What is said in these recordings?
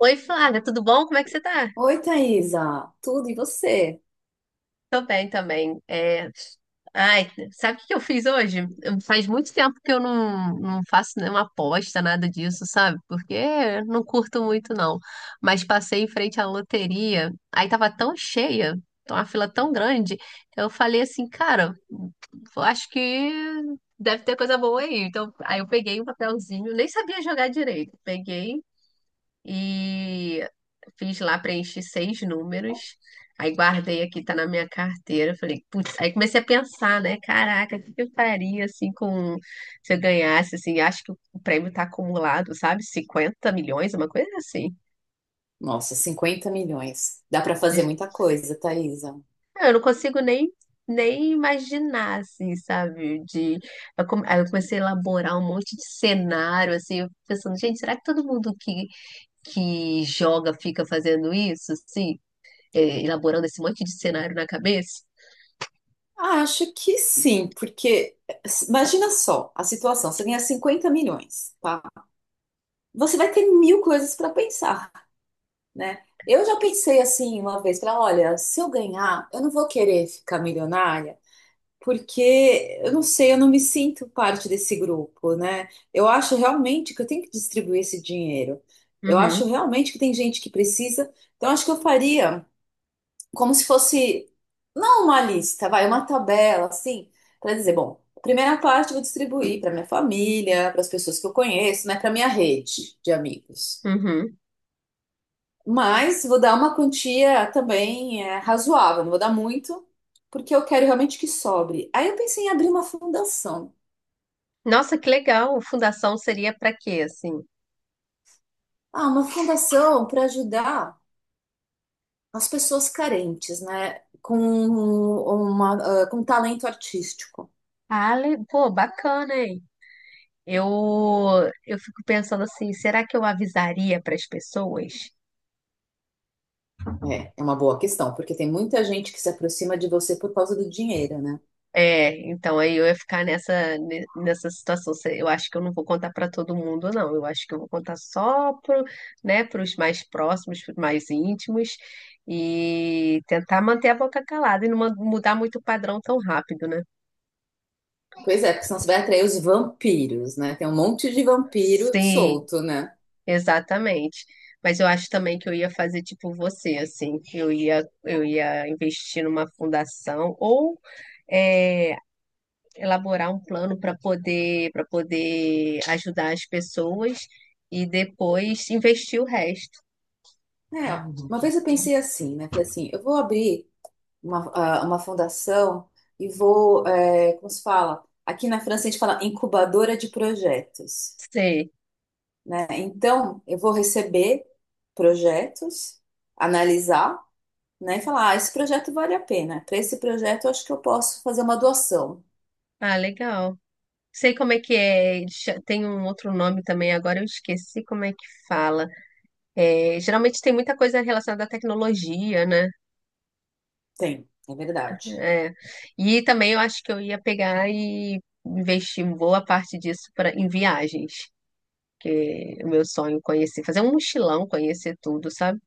Oi, Flávia, tudo bom? Como é que você tá? Oi, Thaisa. Tudo e você? Tô bem também. Ai, sabe o que que eu fiz hoje? Faz muito tempo que eu não faço nenhuma aposta, nada disso, sabe? Porque eu não curto muito, não. Mas passei em frente à loteria, aí tava tão cheia, tava uma fila tão grande, eu falei assim, cara, eu acho que deve ter coisa boa aí. Então, aí eu peguei um papelzinho, nem sabia jogar direito. Peguei e fiz lá, preenchi seis números. Aí guardei aqui, tá na minha carteira. Falei, putz, aí comecei a pensar, né? Caraca, o que que eu faria assim com se eu ganhasse, assim, acho que o prêmio tá acumulado, sabe? 50 milhões, uma coisa assim. Nossa, 50 milhões. Dá para fazer De- muita coisa, Thaisa. Eu não consigo nem imaginar, assim, sabe? Aí eu comecei a elaborar um monte de cenário, assim, eu pensando, gente, será que todo mundo que joga fica fazendo isso, assim? Elaborando esse monte de cenário na cabeça. Ah, acho que sim, porque imagina só a situação, você ganha 50 milhões, tá? Você vai ter mil coisas para pensar, né? Eu já pensei assim uma vez, falei, olha, se eu ganhar, eu não vou querer ficar milionária, porque eu não sei, eu não me sinto parte desse grupo, né? Eu acho realmente que eu tenho que distribuir esse dinheiro. Eu acho Uhum, realmente que tem gente que precisa. Então acho que eu faria, como se fosse, não uma lista, vai, uma tabela, assim, para dizer, bom, a primeira parte eu vou distribuir para minha família, para as pessoas que eu conheço, né, para minha rede de amigos. uhum. Mas vou dar uma quantia também razoável, não vou dar muito, porque eu quero realmente que sobre. Aí eu pensei em abrir uma fundação. Nossa, que legal. Fundação seria para quê, assim? Ah, uma fundação para ajudar as pessoas carentes, né? Com com talento artístico. Ah, pô, bacana, hein? Eu, eu fico pensando assim, será que eu avisaria para as pessoas? É, é uma boa questão, porque tem muita gente que se aproxima de você por causa do dinheiro, né? É, então aí eu ia ficar nessa situação. Eu acho que eu não vou contar para todo mundo, não. Eu acho que eu vou contar só pro, né, para os mais próximos, para os mais íntimos, e tentar manter a boca calada e não mudar muito o padrão tão rápido, né? Pois é, porque senão você vai atrair os vampiros, né? Tem um monte de vampiro Sim. solto, né? Exatamente. Mas eu acho também que eu ia fazer tipo você, assim, eu ia investir numa fundação ou é, elaborar um plano para poder ajudar as pessoas e depois investir o resto. É, uma vez eu pensei assim, né? Falei assim, eu vou abrir uma fundação e vou, como se fala? Aqui na França a gente fala incubadora de projetos, Sei. né? Então, eu vou receber projetos, analisar, né? E falar, ah, esse projeto vale a pena. Para esse projeto, eu acho que eu posso fazer uma doação. Ah, legal. Sei como é que é. Tem um outro nome também, agora eu esqueci como é que fala. É, geralmente tem muita coisa relacionada à tecnologia, né? Tem, é verdade. É. E também eu acho que eu ia pegar e investir boa parte disso pra, em viagens, que é o meu sonho conhecer, fazer um mochilão, conhecer tudo, sabe?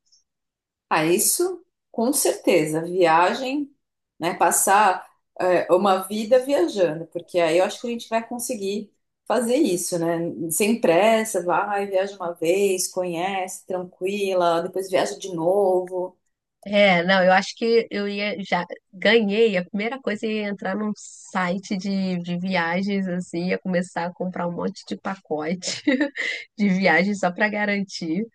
Ah, isso com certeza. Viagem, né? Passar uma vida viajando, porque aí eu acho que a gente vai conseguir fazer isso, né? Sem pressa, vai, viaja uma vez, conhece, tranquila, depois viaja de novo. É, não, eu acho que eu ia já ganhei, a primeira coisa ia entrar num site de viagens assim, ia começar a comprar um monte de pacote de viagens só pra garantir.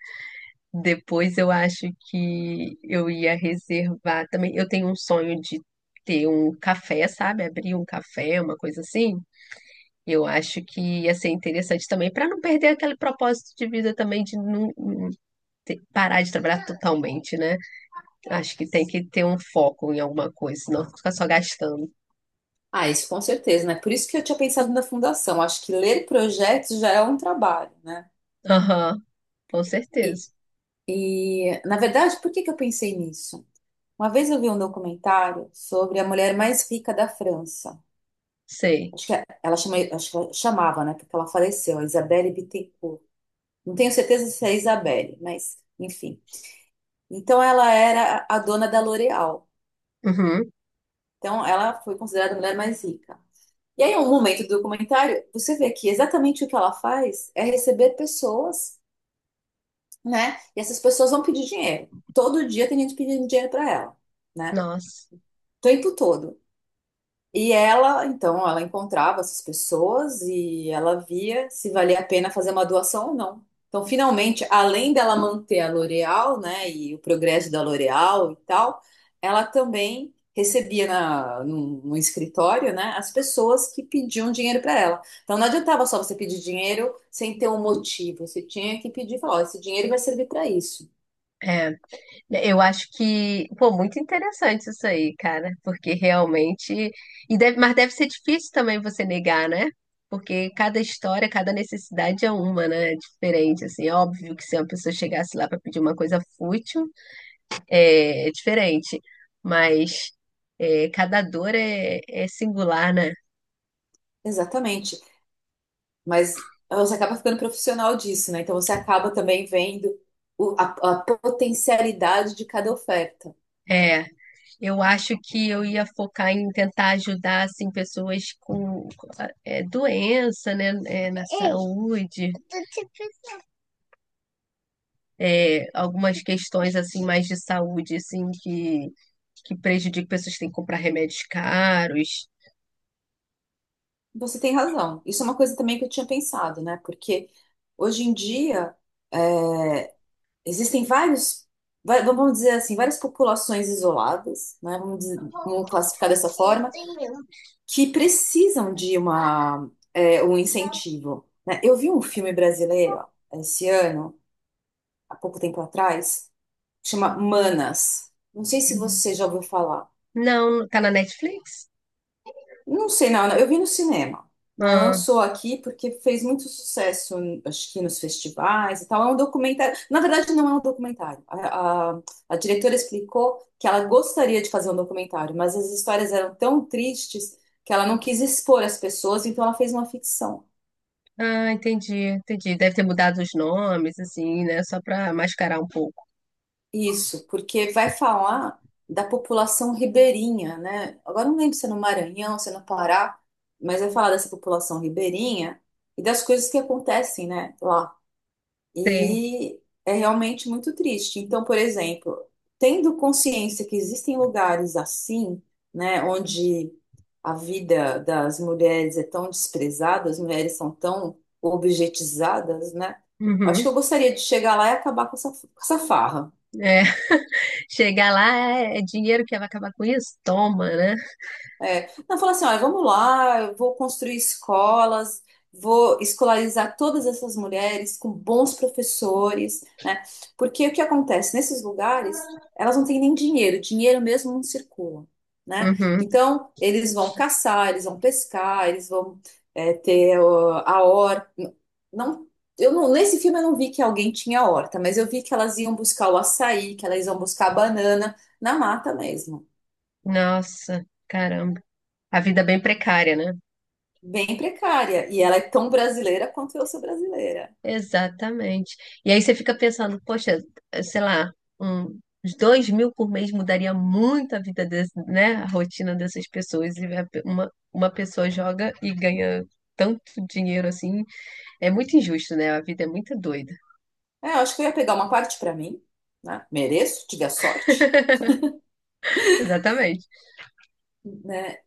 Depois eu acho que eu ia reservar também. Eu tenho um sonho de ter um café, sabe? Abrir um café, uma coisa assim. Eu acho que ia ser interessante também, para não perder aquele propósito de vida também, de não parar de trabalhar totalmente, né? Acho que tem que ter um foco em alguma coisa, senão fica só gastando. Ah, isso com certeza, né? Por isso que eu tinha pensado na fundação. Acho que ler projetos já é um trabalho, né? Aham, com E, certeza. e na verdade, por que que eu pensei nisso? Uma vez eu vi um documentário sobre a mulher mais rica da França. Sei. Acho que ela chama, acho que ela chamava, né? Porque ela faleceu, a Isabelle Bittencourt. Não tenho certeza se é Isabelle, mas enfim. Então ela era a dona da L'Oréal. Uhum. Então ela foi considerada a mulher mais rica. E aí, em um momento do documentário, você vê que exatamente o que ela faz é receber pessoas, né? E essas pessoas vão pedir dinheiro. Todo dia tem gente pedindo dinheiro para ela, né? Nossa. O tempo todo. E ela, então, ela encontrava essas pessoas e ela via se valia a pena fazer uma doação ou não. Então, finalmente, além dela manter a L'Oréal, né, e o progresso da L'Oréal e tal, ela também recebia num escritório, né, as pessoas que pediam dinheiro para ela. Então, não adiantava só você pedir dinheiro sem ter um motivo. Você tinha que pedir e falar, ó, esse dinheiro vai servir para isso. É. Eu acho que, pô, muito interessante isso aí, cara, porque realmente, e deve, mas deve ser difícil também você negar, né? Porque cada história, cada necessidade é uma, né? É diferente, assim, é óbvio que se uma pessoa chegasse lá para pedir uma coisa fútil, é diferente, mas é, cada dor é singular, né? Exatamente. Mas você acaba ficando profissional disso, né? Então você acaba também vendo a potencialidade de cada oferta. É, eu acho que eu ia focar em tentar ajudar, assim, pessoas com, doença, né? Saúde. Algumas questões assim mais de saúde assim que prejudica pessoas que têm que comprar remédios caros. Você tem razão. Isso é uma coisa também que eu tinha pensado, né? Porque hoje em dia eh, existem vários, vamos dizer assim, várias populações isoladas, né? Vamos classificar dessa forma, que precisam de um incentivo, né? Eu vi um filme brasileiro ó, esse ano, há pouco tempo atrás. Chama Manas. Não sei se Uhum. você já ouviu falar. Não, tá na Netflix? Não sei, não, eu vi no cinema. Né? Ah, Lançou aqui porque fez muito sucesso, acho que nos festivais e tal. É um documentário. Na verdade, não é um documentário. A diretora explicou que ela gostaria de fazer um documentário, mas as histórias eram tão tristes que ela não quis expor as pessoas, então ela fez uma ficção. ah, entendi, entendi. Deve ter mudado os nomes, assim, né? Só pra mascarar um pouco. Isso, porque vai falar da população ribeirinha, né? Agora não lembro se é no Maranhão, se é no Pará, mas vai falar dessa população ribeirinha e das coisas que acontecem, né, lá. Tem. E é realmente muito triste. Então, por exemplo, tendo consciência que existem lugares assim, né, onde a vida das mulheres é tão desprezada, as mulheres são tão objetizadas, né? Acho que eu Uhum. gostaria de chegar lá e acabar com essa farra. É. Chegar lá é é dinheiro que vai acabar com isso? Toma, né? É, não, fala assim, olha, vamos lá, eu vou construir escolas, vou escolarizar todas essas mulheres com bons professores, né? Porque o que acontece? Nesses lugares, elas não têm nem dinheiro, dinheiro mesmo não circula, né? Uhum. Então, eles vão caçar, eles vão pescar, eles vão ter ó, a horta. Não, eu não, nesse filme eu não vi que alguém tinha horta, mas eu vi que elas iam buscar o açaí, que elas iam buscar a banana na mata mesmo. Nossa, caramba. A vida é bem precária, né? Bem precária. E ela é tão brasileira quanto eu sou brasileira. Exatamente. E aí você fica pensando, poxa, sei lá, uns 2 mil por mês mudaria muito a vida desse, né, a rotina dessas pessoas. E uma pessoa joga e ganha tanto dinheiro assim. É muito injusto, né? A vida é muito doida. É, eu acho que eu ia pegar uma parte para mim, né? Mereço, tive a sorte, Exatamente. né?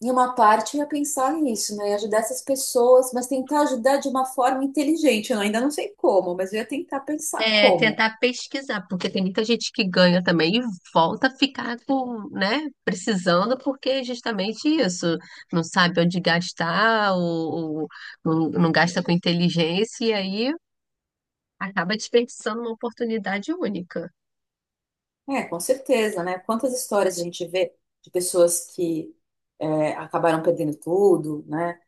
E uma parte eu ia pensar nisso, né? E ajudar essas pessoas, mas tentar ajudar de uma forma inteligente. Eu ainda não sei como, mas eu ia tentar pensar É como. tentar pesquisar, porque tem muita gente que ganha também e volta a ficar com, né, precisando, porque é justamente isso. Não sabe onde gastar, ou não gasta com inteligência, e aí acaba desperdiçando uma oportunidade única. É, com certeza, né? Quantas histórias a gente vê de pessoas que acabaram perdendo tudo, né?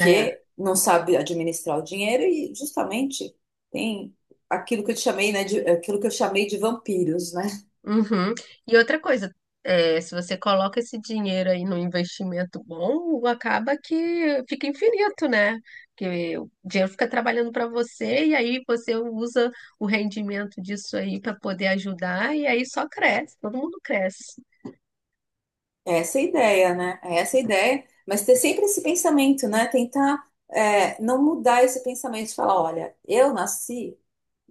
É. não sabe administrar o dinheiro e justamente tem aquilo que eu te chamei, né? De, aquilo que eu chamei de vampiros, né? Uhum. E outra coisa, se você coloca esse dinheiro aí no investimento bom, acaba que fica infinito, né? Porque o dinheiro fica trabalhando para você e aí você usa o rendimento disso aí para poder ajudar e aí só cresce, todo mundo cresce. É essa a ideia, né? É essa a ideia, mas ter sempre esse pensamento, né? Tentar não mudar esse pensamento de falar, olha, eu nasci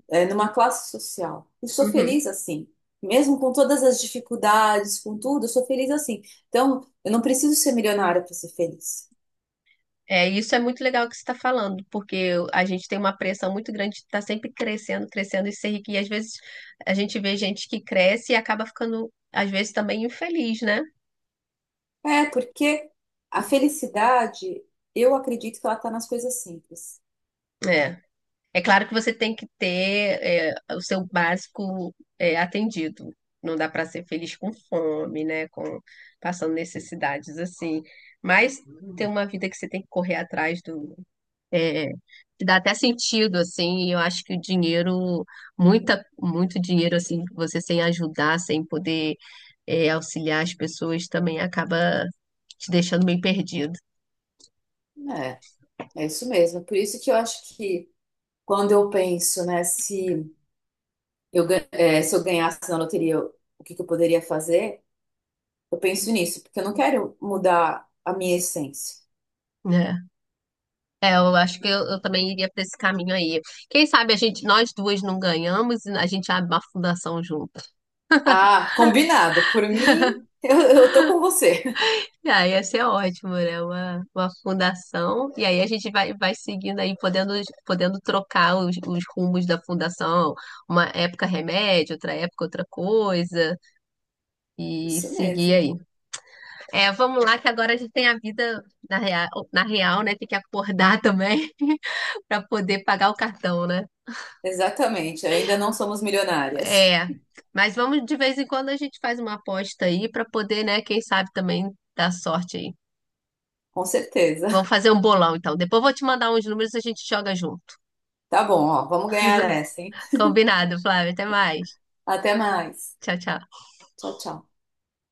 numa classe social. Eu sou Uhum. feliz assim. Mesmo com todas as dificuldades, com tudo, eu sou feliz assim. Então, eu não preciso ser milionária para ser feliz. É, isso é muito legal que você está falando, porque a gente tem uma pressão muito grande de estar sempre crescendo, crescendo e ser rico. E às vezes a gente vê gente que cresce e acaba ficando, às vezes, também infeliz, né? É, porque a felicidade, eu acredito que ela está nas coisas simples. É. É claro que você tem que ter, o seu básico, atendido. Não dá para ser feliz com fome, né? Com, passando necessidades assim. Mas tem uma vida que você tem que correr atrás do, É, que dá até sentido, assim, e eu acho que o dinheiro, muito dinheiro, assim, você sem ajudar, sem poder, auxiliar as pessoas, também acaba te deixando bem perdido, É, é isso mesmo. Por isso que eu acho que quando eu penso, né, se eu ganhasse na loteria, o que que eu poderia fazer? Eu penso nisso, porque eu não quero mudar a minha essência. né? É, eu acho que eu também iria para esse caminho aí. Quem sabe a gente, nós duas não ganhamos e a gente abre uma fundação junto. Ah, combinado. Por mim, eu tô com você. Ah, ia ser ótimo, né? Uma fundação. E aí a gente vai, vai seguindo aí, podendo, podendo trocar os rumos da fundação. Uma época remédio, outra época outra coisa. E Isso seguir mesmo. aí. É, vamos lá, que agora a gente tem a vida na real, na real, né? Tem que acordar também para poder pagar o cartão, né? Exatamente. Ainda não somos milionárias. É. Mas vamos, de vez em quando, a gente faz uma aposta aí para poder, né? Quem sabe também dar sorte aí. Com certeza. Vamos fazer um bolão, então. Depois eu vou te mandar uns números e a gente joga junto. Tá bom, ó. Vamos ganhar essa, hein? Combinado, Flávia. Até mais. Até mais. Tchau, tchau. Tchau, tchau.